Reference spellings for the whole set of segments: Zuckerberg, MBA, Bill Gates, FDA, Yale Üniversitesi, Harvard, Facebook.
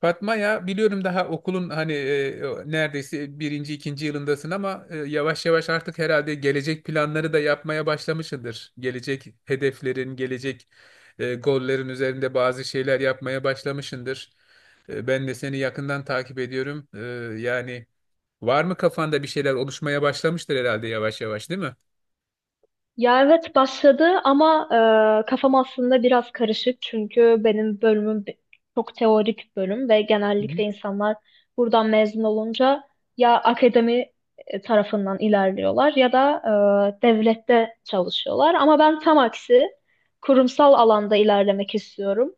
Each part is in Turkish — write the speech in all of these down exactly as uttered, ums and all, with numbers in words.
Fatma ya biliyorum daha okulun hani e, o- neredeyse birinci ikinci yılındasın ama e, yavaş yavaş artık herhalde gelecek planları da yapmaya başlamışsındır. Gelecek hedeflerin, gelecek e, gollerin üzerinde bazı şeyler yapmaya başlamışsındır. E, ben de seni yakından takip ediyorum. E, yani var mı kafanda bir şeyler oluşmaya başlamıştır herhalde yavaş yavaş, değil mi? Ya evet başladı ama e, kafam aslında biraz karışık çünkü benim bölümüm bi- çok teorik bölüm ve Hı genellikle hı. insanlar buradan mezun olunca ya akademi e, tarafından ilerliyorlar ya da e, devlette çalışıyorlar ama ben tam aksi kurumsal alanda ilerlemek istiyorum.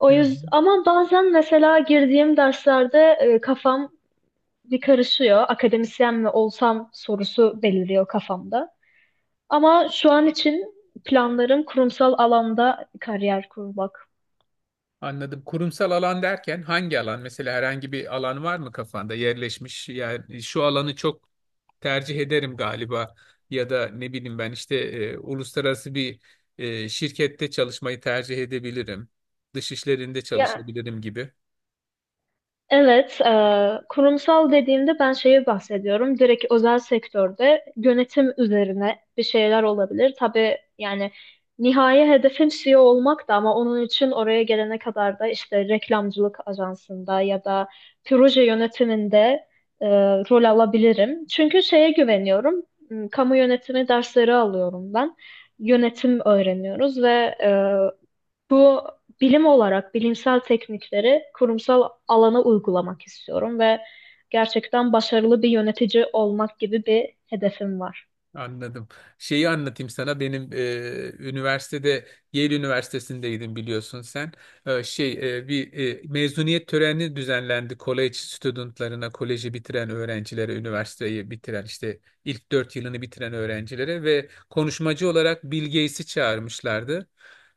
O Hı hı. yüzden ama bazen mesela girdiğim derslerde e, kafam bir karışıyor. Akademisyen mi olsam sorusu beliriyor kafamda. Ama şu an için planlarım kurumsal alanda kariyer kurmak. Anladım. Kurumsal alan derken hangi alan? Mesela herhangi bir alan var mı kafanda yerleşmiş? Yani şu alanı çok tercih ederim galiba ya da ne bileyim ben işte e, uluslararası bir e, şirkette çalışmayı tercih edebilirim. Dış işlerinde Ya çalışabilirim gibi. evet, e, kurumsal dediğimde ben şeyi bahsediyorum. Direkt özel sektörde yönetim üzerine bir şeyler olabilir. Tabii yani nihai hedefim C E O olmak da ama onun için oraya gelene kadar da işte reklamcılık ajansında ya da proje yönetiminde e, rol alabilirim. Çünkü şeye güveniyorum. m, Kamu yönetimi dersleri alıyorum ben. Yönetim öğreniyoruz ve e, bu bilim olarak bilimsel teknikleri kurumsal alana uygulamak istiyorum ve gerçekten başarılı bir yönetici olmak gibi bir hedefim var. Anladım. Şeyi anlatayım sana. Benim e, üniversitede, Yale Üniversitesi'ndeydim biliyorsun sen. E, şey e, bir e, mezuniyet töreni düzenlendi college studentlarına, koleji bitiren öğrencilere, üniversiteyi bitiren işte ilk dört yılını bitiren öğrencilere, ve konuşmacı olarak Bill Gates'i çağırmışlardı.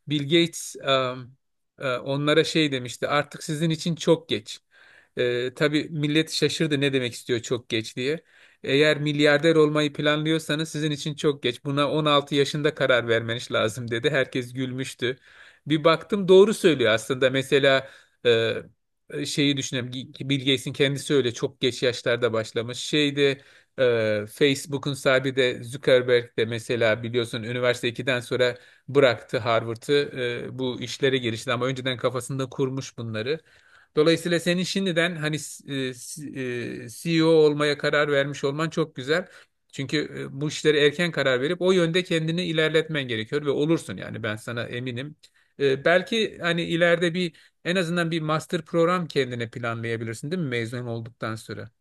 Bill Gates um, e, onlara şey demişti: artık sizin için çok geç. E, tabii millet şaşırdı, ne demek istiyor çok geç diye. Eğer milyarder olmayı planlıyorsanız sizin için çok geç, buna on altı yaşında karar vermeniz lazım dedi. Herkes gülmüştü. Bir baktım doğru söylüyor aslında. Mesela e, şeyi düşünelim. Bill Gates'in kendisi öyle çok geç yaşlarda başlamış. Şeyde, e, Facebook'un sahibi de Zuckerberg de mesela, biliyorsun üniversite ikiden sonra bıraktı Harvard'ı. E, bu işlere girişti, ama önceden kafasında kurmuş bunları. Dolayısıyla senin şimdiden hani e, s- e, C E O olmaya karar vermiş olman çok güzel. Çünkü e, bu işlere erken karar verip o yönde kendini ilerletmen gerekiyor, ve olursun yani, ben sana eminim. E, belki hani ileride bir, en azından bir master program kendine planlayabilirsin, değil mi, mezun olduktan sonra?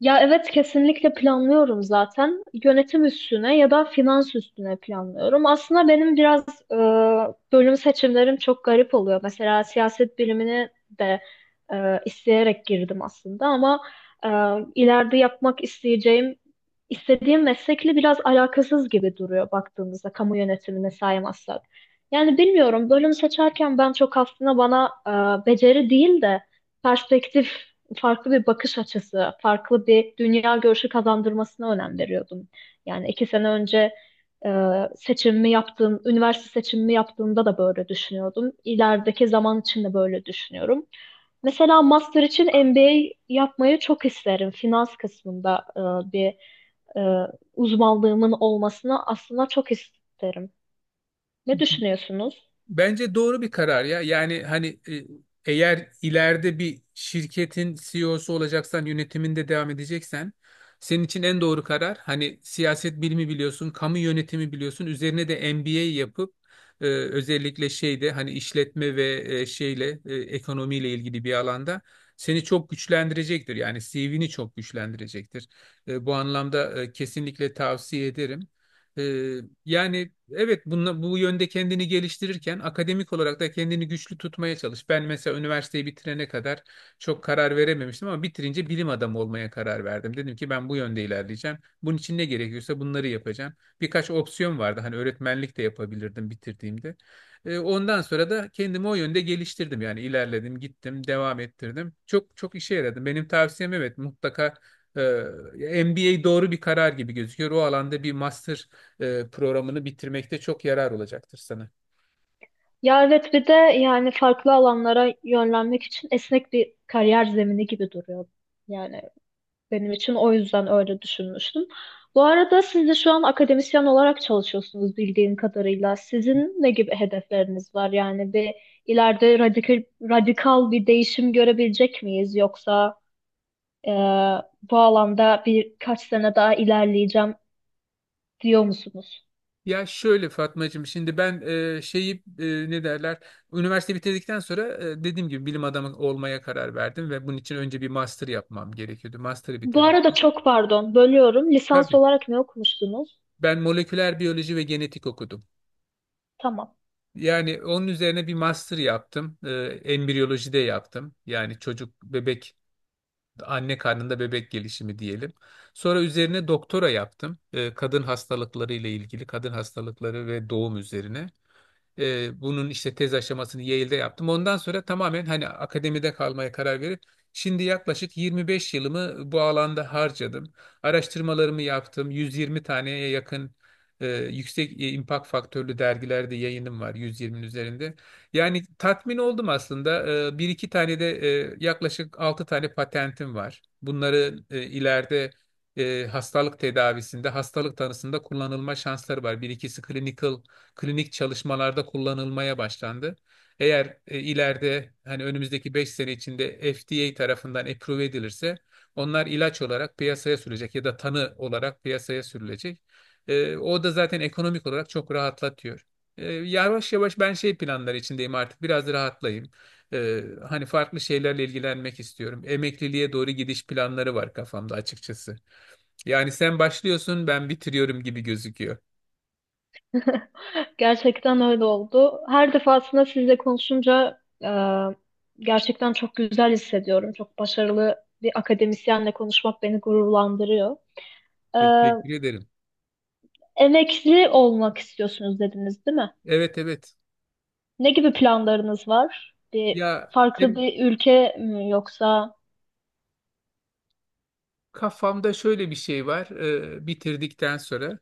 Ya evet kesinlikle planlıyorum zaten. Yönetim üstüne ya da finans üstüne planlıyorum. Aslında benim biraz e, bölüm seçimlerim çok garip oluyor. Mesela siyaset bilimini de e, isteyerek girdim aslında ama e, ileride yapmak isteyeceğim istediğim meslekle biraz alakasız gibi duruyor baktığımızda kamu yönetimine saymazsak. Yani bilmiyorum bölüm seçerken ben çok aslında bana e, beceri değil de perspektif farklı bir bakış açısı, farklı bir dünya görüşü kazandırmasına önem veriyordum. Yani iki sene önce e, seçimimi yaptığım, üniversite seçimimi yaptığımda da böyle düşünüyordum. İlerideki zaman için de böyle düşünüyorum. Mesela master için M B A yapmayı çok isterim. Finans kısmında e, bir e, uzmanlığımın olmasını aslında çok isterim. Ne düşünüyorsunuz? Bence doğru bir karar ya. Yani hani e, eğer ileride bir şirketin C E O'su olacaksan, yönetiminde devam edeceksen, senin için en doğru karar, hani siyaset bilimi biliyorsun, kamu yönetimi biliyorsun, üzerine de M B A yapıp e, özellikle şeyde, hani işletme ve e, şeyle e, ekonomiyle ilgili bir alanda seni çok güçlendirecektir. Yani C V'ni çok güçlendirecektir. E, bu anlamda e, kesinlikle tavsiye ederim. Ee, yani evet, bunla, bu yönde kendini geliştirirken akademik olarak da kendini güçlü tutmaya çalış. Ben mesela üniversiteyi bitirene kadar çok karar verememiştim, ama bitirince bilim adamı olmaya karar verdim. Dedim ki ben bu yönde ilerleyeceğim, bunun için ne gerekiyorsa bunları yapacağım. Birkaç opsiyon vardı, hani öğretmenlik de yapabilirdim bitirdiğimde. Ee, ondan sonra da kendimi o yönde geliştirdim. Yani ilerledim, gittim, devam ettirdim. Çok çok işe yaradı. Benim tavsiyem evet, mutlaka e, M B A doğru bir karar gibi gözüküyor. O alanda bir master e, programını bitirmekte çok yarar olacaktır sana. Ya evet, bir de yani farklı alanlara yönlenmek için esnek bir kariyer zemini gibi duruyor. Yani benim için o yüzden öyle düşünmüştüm. Bu arada siz de şu an akademisyen olarak çalışıyorsunuz bildiğim kadarıyla. Sizin ne gibi hedefleriniz var? Yani bir ileride radikal, radikal bir değişim görebilecek miyiz? Yoksa e, bu alanda birkaç sene daha ilerleyeceğim diyor musunuz? Ya şöyle Fatmacığım, şimdi ben e, şeyi e, ne derler, üniversite bitirdikten sonra e, dediğim gibi bilim adamı olmaya karar verdim, ve bunun için önce bir master yapmam gerekiyordu. Master'ı Bu bitirdim. arada çok pardon, bölüyorum. Lisans Tabii, olarak ne okumuştunuz? ben moleküler biyoloji ve genetik okudum. Tamam. Yani onun üzerine bir master yaptım. E, embriyoloji de yaptım. Yani çocuk, bebek, Anne karnında bebek gelişimi diyelim. Sonra üzerine doktora yaptım. Ee, kadın hastalıkları ile ilgili, kadın hastalıkları ve doğum üzerine. E, bunun işte tez aşamasını Yale'de yaptım. Ondan sonra tamamen hani akademide kalmaya karar verip şimdi yaklaşık yirmi beş yılımı bu alanda harcadım. Araştırmalarımı yaptım. yüz yirmi taneye yakın e, yüksek e, impact faktörlü dergilerde yayınım var, yüz yirminin üzerinde. Yani tatmin oldum aslında. E, bir iki tane de e, yaklaşık altı tane patentim var. Bunları e, ileride e, hastalık tedavisinde, hastalık tanısında kullanılma şansları var. Bir ikisi clinical klinik çalışmalarda kullanılmaya başlandı. Eğer e, ileride, hani önümüzdeki beş sene içinde F D A tarafından approve edilirse, onlar ilaç olarak piyasaya sürülecek ya da tanı olarak piyasaya sürülecek. E, o da zaten ekonomik olarak çok rahatlatıyor. E, yavaş yavaş ben şey planları içindeyim, artık biraz rahatlayayım. E, hani farklı şeylerle ilgilenmek istiyorum. Emekliliğe doğru gidiş planları var kafamda açıkçası. Yani sen başlıyorsun, ben bitiriyorum gibi gözüküyor. Gerçekten öyle oldu. Her defasında sizle konuşunca e, gerçekten çok güzel hissediyorum. Çok başarılı bir akademisyenle konuşmak beni gururlandırıyor. E, Teşekkür ederim. Emekli olmak istiyorsunuz dediniz, değil mi? Evet, evet. Ne gibi planlarınız var? Bir Ya farklı hem bir ülke mi yoksa? kafamda şöyle bir şey var: e, bitirdikten sonra,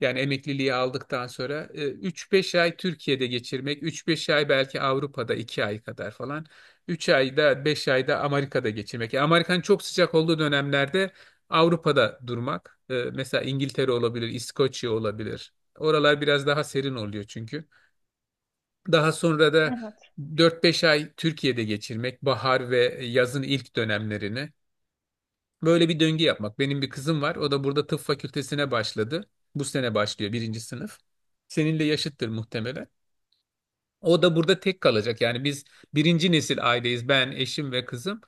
yani emekliliği aldıktan sonra, e, üç beş ay Türkiye'de geçirmek, üç-beş ay belki Avrupa'da, iki ay kadar falan. üç ayda beş ayda Amerika'da geçirmek. Yani Amerika'nın çok sıcak olduğu dönemlerde Avrupa'da durmak. E, mesela İngiltere olabilir, İskoçya olabilir. Oralar biraz daha serin oluyor çünkü. Daha sonra da Evet. dört-beş ay Türkiye'de geçirmek, bahar ve yazın ilk dönemlerini. Böyle bir döngü yapmak. Benim bir kızım var. O da burada tıp fakültesine başladı. Bu sene başlıyor, birinci sınıf. Seninle yaşıttır muhtemelen. O da burada tek kalacak. Yani biz birinci nesil aileyiz: ben, eşim ve kızım.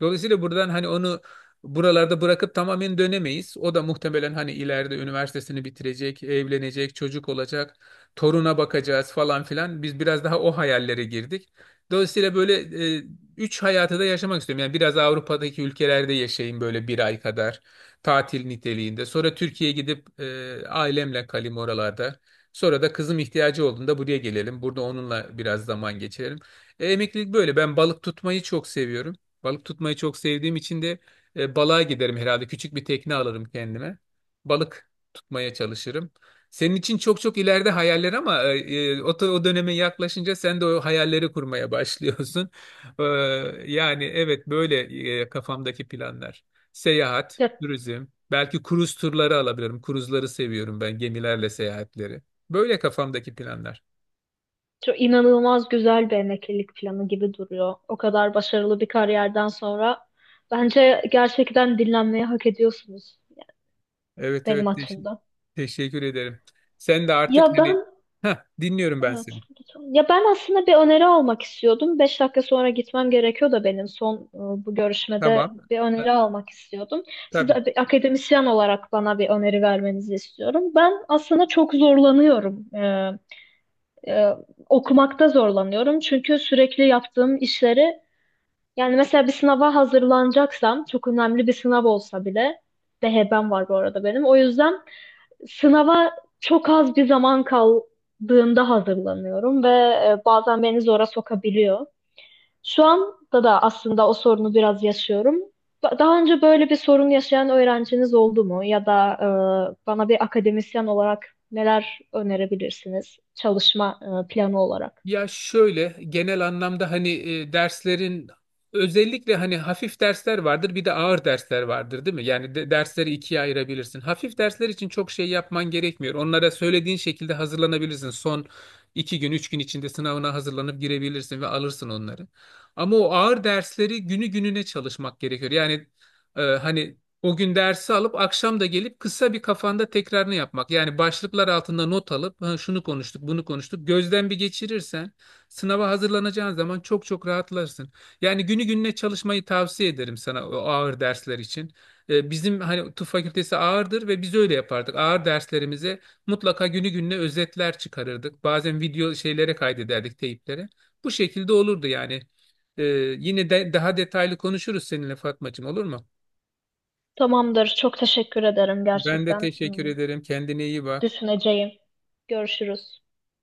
Dolayısıyla buradan hani onu buralarda bırakıp tamamen dönemeyiz. O da muhtemelen hani ileride üniversitesini bitirecek, evlenecek, çocuk olacak, toruna bakacağız falan filan. Biz biraz daha o hayallere girdik. Dolayısıyla böyle e, üç hayatı da yaşamak istiyorum. Yani biraz Avrupa'daki ülkelerde yaşayayım böyle bir ay kadar, tatil niteliğinde. Sonra Türkiye'ye gidip e, ailemle kalayım oralarda. Sonra da kızım ihtiyacı olduğunda buraya gelelim, burada onunla biraz zaman geçirelim. E, emeklilik böyle. Ben balık tutmayı çok seviyorum. Balık tutmayı çok sevdiğim için de e, balığa giderim herhalde. Küçük bir tekne alırım kendime. Balık tutmaya çalışırım. Senin için çok çok ileride hayaller, ama e, e, o, o döneme yaklaşınca sen de o hayalleri kurmaya başlıyorsun. E, yani evet, böyle e, kafamdaki planlar. Seyahat, Ya, turizm, belki kruz turları alabilirim. Kruzları seviyorum ben, gemilerle seyahatleri. Böyle kafamdaki planlar. çok inanılmaz güzel bir emeklilik planı gibi duruyor. O kadar başarılı bir kariyerden sonra bence gerçekten dinlenmeyi hak ediyorsunuz Evet, benim evet, teş- açımdan. teşekkür ederim. Sen de artık Ya hani, ben, Heh, dinliyorum ben evet, seni. lütfen. Ya ben aslında bir öneri almak istiyordum. Beş dakika sonra gitmem gerekiyor da benim son e, bu görüşmede Tamam. bir Ha, öneri almak istiyordum. Siz Tabii. de bir akademisyen olarak bana bir öneri vermenizi istiyorum. Ben aslında çok zorlanıyorum. E, e, Okumakta zorlanıyorum. Çünkü sürekli yaptığım işleri yani mesela bir sınava hazırlanacaksam çok önemli bir sınav olsa bile D H B'm var bu arada benim. O yüzden sınava çok az bir zaman kaldığında hazırlanıyorum ve e, bazen beni zora sokabiliyor. Şu anda da aslında o sorunu biraz yaşıyorum. Ba- Daha önce böyle bir sorun yaşayan öğrenciniz oldu mu? Ya da e, bana bir akademisyen olarak neler önerebilirsiniz çalışma e, planı olarak? Ya şöyle, genel anlamda hani e, derslerin, özellikle hani hafif dersler vardır bir de ağır dersler vardır, değil mi? Yani de- dersleri ikiye ayırabilirsin. Hafif dersler için çok şey yapman gerekmiyor, onlara söylediğin şekilde hazırlanabilirsin. Son iki gün üç gün içinde sınavına hazırlanıp girebilirsin ve alırsın onları. Ama o ağır dersleri günü gününe çalışmak gerekiyor. Yani e, hani o gün dersi alıp akşam da gelip kısa bir kafanda tekrarını yapmak. Yani başlıklar altında not alıp "Ha, şunu konuştuk, bunu konuştuk." Gözden bir geçirirsen sınava hazırlanacağın zaman çok çok rahatlarsın. Yani günü gününe çalışmayı tavsiye ederim sana, o ağır dersler için. Ee, bizim hani tıp fakültesi ağırdır ve biz öyle yapardık. Ağır derslerimize mutlaka günü gününe özetler çıkarırdık. Bazen video şeylere kaydederdik, teyiplere. Bu şekilde olurdu yani. Ee, yine de daha detaylı konuşuruz seninle Fatmacığım, olur mu? Tamamdır. Çok teşekkür ederim Ben de gerçekten. teşekkür Hmm, ederim. Kendine iyi bak. Düşüneceğim. Görüşürüz.